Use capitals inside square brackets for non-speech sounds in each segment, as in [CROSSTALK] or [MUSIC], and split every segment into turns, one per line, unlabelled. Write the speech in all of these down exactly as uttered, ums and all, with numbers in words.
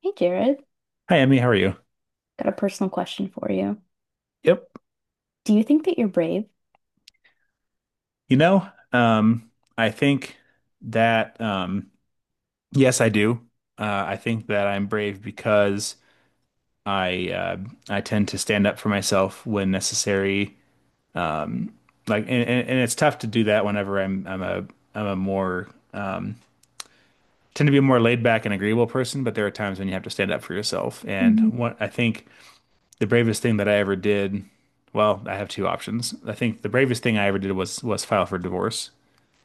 Hey Jared,
Hi, Emmy. How are you?
got a personal question for you.
Yep.
Do you think that you're brave?
You know, um, I think that um, yes, I do. Uh, I think that I'm brave because I uh, I tend to stand up for myself when necessary. Um, like, and, and, and it's tough to do that whenever I'm I'm a I'm a more tend to be a more laid back and agreeable person. But there are times when you have to stand up for yourself. And
Mhm.
what I think the bravest thing that I ever did, well, I have two options. I think the bravest thing I ever did was was file for divorce.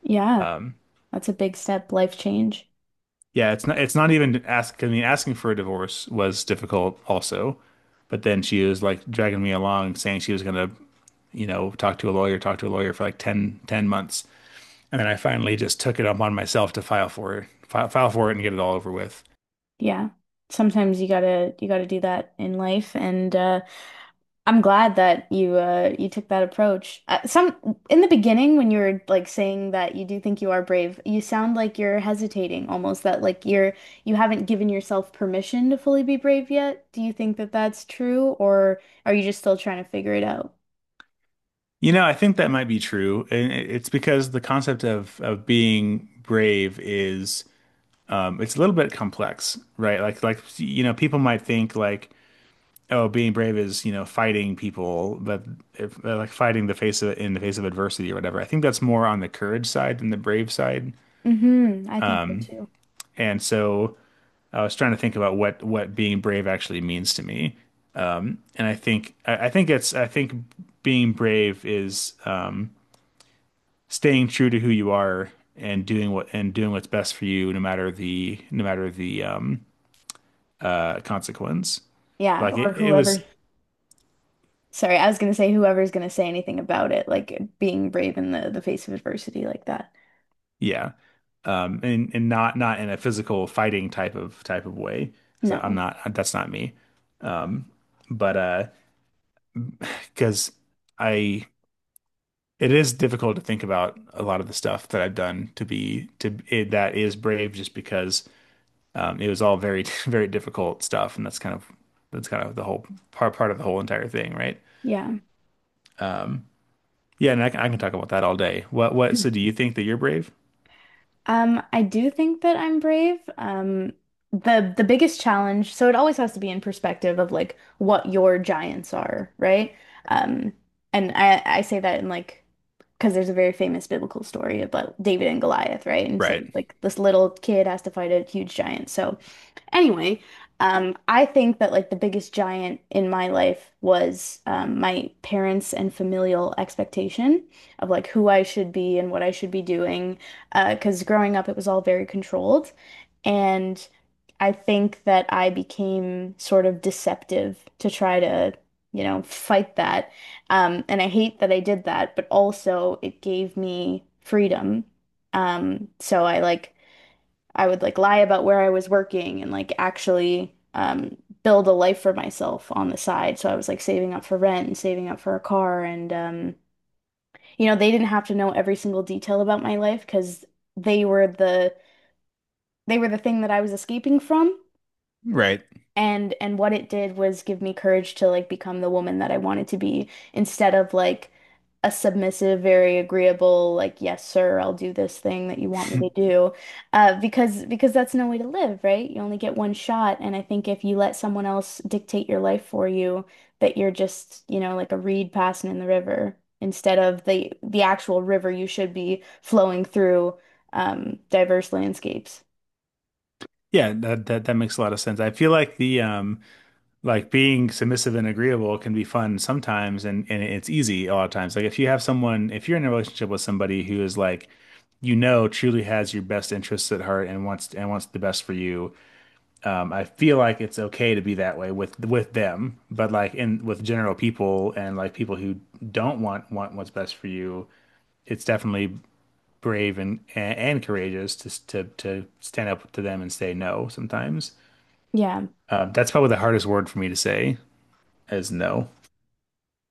Yeah, that's a big step, life change.
Yeah, it's not it's not even ask I mean asking for a divorce was difficult also. But then she was like dragging me along saying she was gonna, you know, talk to a lawyer, talk to a lawyer for like ten, ten months. And then I finally just took it upon myself to file for it, file, file for it and get it all over with.
Yeah. Sometimes you gotta you gotta do that in life, and uh I'm glad that you uh you took that approach. Uh, some In the beginning when you were like saying that you do think you are brave, you sound like you're hesitating almost, that like you're you haven't given yourself permission to fully be brave yet. Do you think that that's true, or are you just still trying to figure it out?
You know, I think that might be true. And it- it's because the concept of of being brave is um it's a little bit complex, right? Like like you know, people might think, like, oh, being brave is, you know, fighting people, but if, uh, like fighting the face of in the face of adversity or whatever. I think that's more on the courage side than the brave side.
Mm-hmm. I think so too.
And so I was trying to think about what what being brave actually means to me. Um, and I think I, I think it's I think being brave is um, staying true to who you are and doing what and doing what's best for you, no matter the no matter the um, uh, consequence.
Yeah,
Like
or
it, it
whoever.
was.
Sorry, I was gonna say whoever's gonna say anything about it, like being brave in the the face of adversity like that.
Yeah. Um, and and not not in a physical fighting type of type of way, because I'm
No.
not that's not me. Um, but uh, because I it is difficult to think about a lot of the stuff that I've done to be to it, that is brave, just because um, it was all very [LAUGHS] very difficult stuff, and that's kind of that's kind of the whole part part of the whole entire thing, right?
Yeah. [LAUGHS]
Yeah, and I can, I can talk about that all day. What what? So do you
[CLEARS THROAT]
think that you're brave?
Um, I do think that I'm brave. Um, the the biggest challenge, so it always has to be in perspective of like what your giants are, right? Um, and I I say that in like, because there's a very famous biblical story about David and Goliath, right? And so
Right.
like like, this little kid has to fight a huge giant. So anyway, um, I think that like the biggest giant in my life was um, my parents and familial expectation of like who I should be and what I should be doing. Uh, 'cause growing up, it was all very controlled. And I think that I became sort of deceptive to try to, you know, fight that. Um, and I hate that I did that, but also it gave me freedom. Um, so I like I would like lie about where I was working, and like actually um, build a life for myself on the side. So I was like saving up for rent and saving up for a car. And, um, you know, they didn't have to know every single detail about my life, because they were the they were the thing that I was escaping from.
Right. [LAUGHS]
And and what it did was give me courage to like become the woman that I wanted to be instead of like a submissive, very agreeable, like, yes, sir, I'll do this thing that you want me to do. Uh, because because that's no way to live, right? You only get one shot. And I think if you let someone else dictate your life for you, that you're just, you know, like a reed passing in the river instead of the the actual river you should be flowing through, um, diverse landscapes.
Yeah, that, that that makes a lot of sense. I feel like the um. like being submissive and agreeable can be fun sometimes, and, and it's easy a lot of times. Like, if you have someone, if you're in a relationship with somebody who is like, you know, truly has your best interests at heart and wants and wants the best for you, um, I feel like it's okay to be that way with with them. But, like, in with general people and, like, people who don't want want what's best for you, it's definitely brave and and, and courageous to to to stand up to them and say no sometimes.
Yeah.
Uh, that's probably the hardest word for me to say, is no.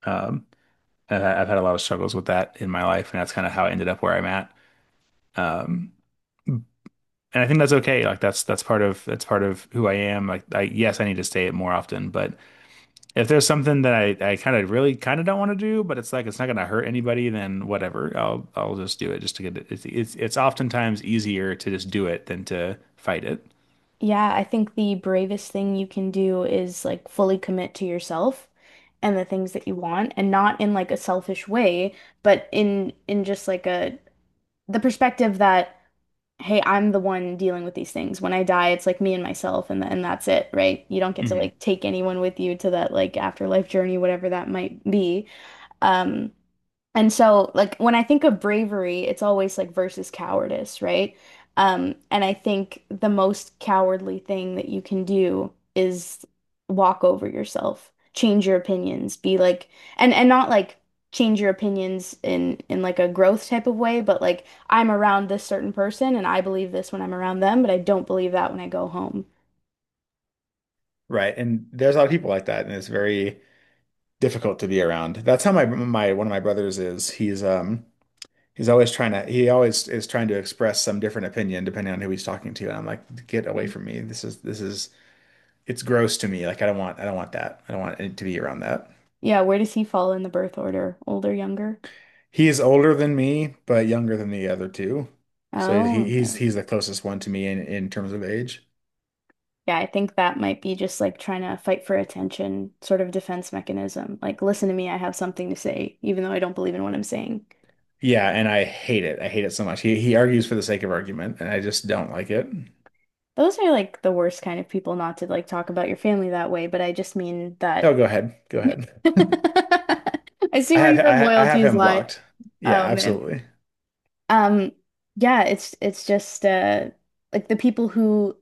Um, and I- I've had a lot of struggles with that in my life, and that's kind of how I ended up where I'm at. Um, and I think that's okay. Like, that's that's part of that's part of who I am. Like, I yes, I need to stay it more often, but if there's something that I, I kind of really kind of don't want to do, but it's, like, it's not going to hurt anybody, then whatever. I'll I'll just do it just to get it. It's it's, it's oftentimes easier to just do it than to fight it.
Yeah, I think the bravest thing you can do is like fully commit to yourself and the things that you want, and not in like a selfish way, but in in just like a the perspective that hey, I'm the one dealing with these things. When I die, it's like me and myself, and and that's it, right? You don't get to
Hmm.
like take anyone with you to that like afterlife journey, whatever that might be. Um and so, like, when I think of bravery, it's always like versus cowardice, right? Um, and I think the most cowardly thing that you can do is walk over yourself, change your opinions, be like, and and not like change your opinions in in like a growth type of way, but like I'm around this certain person and I believe this when I'm around them, but I don't believe that when I go home.
Right. And there's a lot of people like that, and it's very difficult to be around. That's how my my one of my brothers is. He's um He's always trying to, he always is trying to express some different opinion depending on who he's talking to. And I'm like, get away
Hmm.
from me. This is, this is, it's gross to me. Like, I don't want, I don't want that. I don't want it to be around that.
Yeah, where does he fall in the birth order? Older, younger?
He is older than me, but younger than the other two. So
Oh,
he, he's,
okay.
he's the closest one to me in, in terms of age.
Yeah, I think that might be just like trying to fight for attention, sort of defense mechanism. Like, listen to me, I have something to say, even though I don't believe in what I'm saying.
Yeah. And I hate it. I hate it so much. He, he argues for the sake of argument, and I just don't like it.
Those are like the worst kind of people, not to like talk about your family that way, but I just mean that.
No, go ahead. Go ahead. [LAUGHS]
[LAUGHS] I see
I
where
have,
your
I, I have
loyalties
him
lie.
blocked. Yeah,
Oh man.
absolutely.
Um, yeah, it's it's just uh like the people who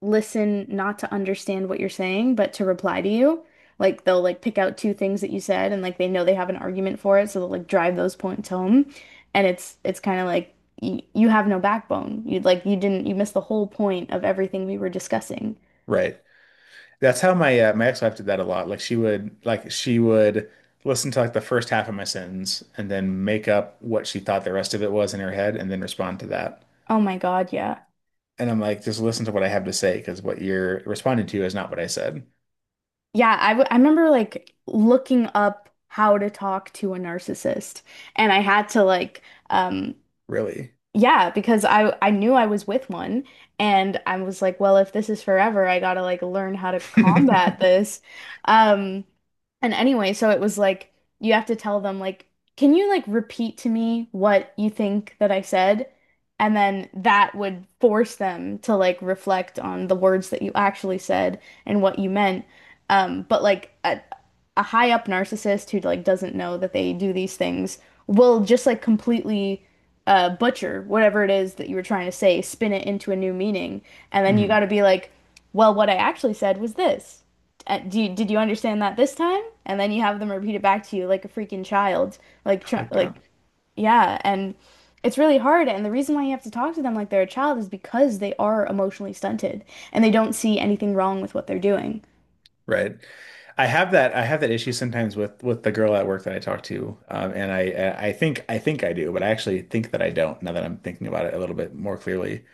listen not to understand what you're saying, but to reply to you. Like they'll like pick out two things that you said, and like they know they have an argument for it, so they'll like drive those points home. And it's it's kind of like y you have no backbone. You like you didn't you missed the whole point of everything we were discussing.
Right. That's how my uh, my ex-wife did that a lot. Like, she would like she would listen to, like, the first half of my sentence and then make up what she thought the rest of it was in her head and then respond to that.
Oh my God, yeah.
And I'm like, just listen to what I have to say, because what you're responding to is not what I said,
Yeah, I w I remember like looking up how to talk to a narcissist, and I had to like, um
really.
yeah, because I I knew I was with one, and I was like, well, if this is forever, I gotta like learn how to combat
[LAUGHS]
this. Um and anyway, so it was like you have to tell them like, can you like repeat to me what you think that I said? And then that would force them to like reflect on the words that you actually said, and what you meant. Um, but like uh, a high up narcissist who like doesn't know that they do these things will just like completely uh butcher whatever it is that you were trying to say, spin it into a new meaning, and then you
hmm I
got to be like, well, what I actually said was this. Uh, do you, did you understand that this time? And then you have them repeat it back to you like a freaking child, like try,
like that.
like yeah, and it's really hard. And the reason why you have to talk to them like they're a child is because they are emotionally stunted, and they don't see anything wrong with what they're doing.
Right. I have that I have that issue sometimes with with the girl at work that I talk to. Um, and I I think I think I do, but I actually think that I don't, now that I'm thinking about it a little bit more clearly.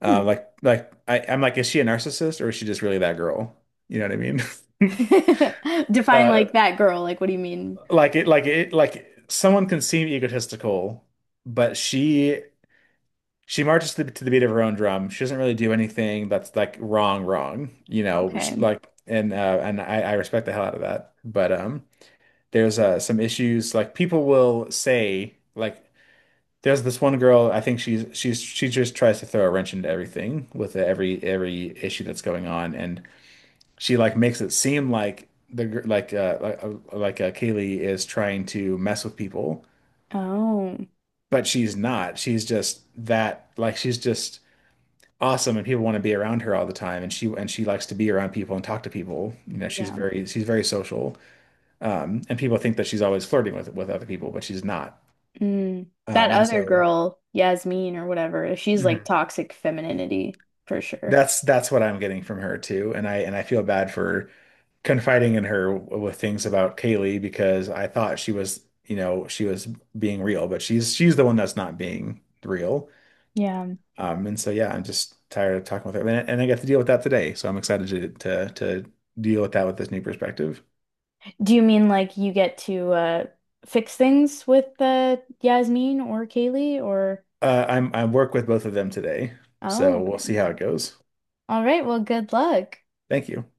Um,
Hmm.
like like I, I'm like, is she a narcissist, or is she just really that girl? You know what I mean? [LAUGHS]
[LAUGHS] Define
Uh,
like that girl. Like, what do you mean?
like it like it like, someone can seem egotistical, but she she marches to the, to the beat of her own drum. She doesn't really do anything that's, like, wrong, wrong. You know, which
Okay.
like And uh, and I, I respect the hell out of that. But um, there's uh some issues, like people will say, like. There's this one girl, I think she's she's she just tries to throw a wrench into everything with every every issue that's going on, and she, like, makes it seem like, the gir- like uh like uh, like uh, Kaylee is trying to mess with people,
Oh,
but she's not. She's just that like she's just awesome, and people want to be around her all the time, and she and she likes to be around people and talk to people. You know, she's
yeah.
very she's very social. Um and people think that she's always flirting with with other people, but she's not.
Mm. That
Um and
other
so.
girl, Yasmin or whatever, she's like
Mhm.
toxic femininity for sure.
that's that's what I'm getting from her too. And I and I feel bad for confiding in her with things about Kaylee, because I thought she was, you know, she was being real, but she's she's the one that's not being real.
Yeah.
Um, and so, yeah, I'm just tired of talking with her, and, and I got to deal with that today. So I'm excited to to to deal with that with this new perspective.
Do you mean like you get to uh fix things with uh Yasmin, or Kaylee, or?
Uh, I'm I work with both of them today,
Oh,
so we'll
okay.
see how it goes.
All right. Well, good luck.
Thank you.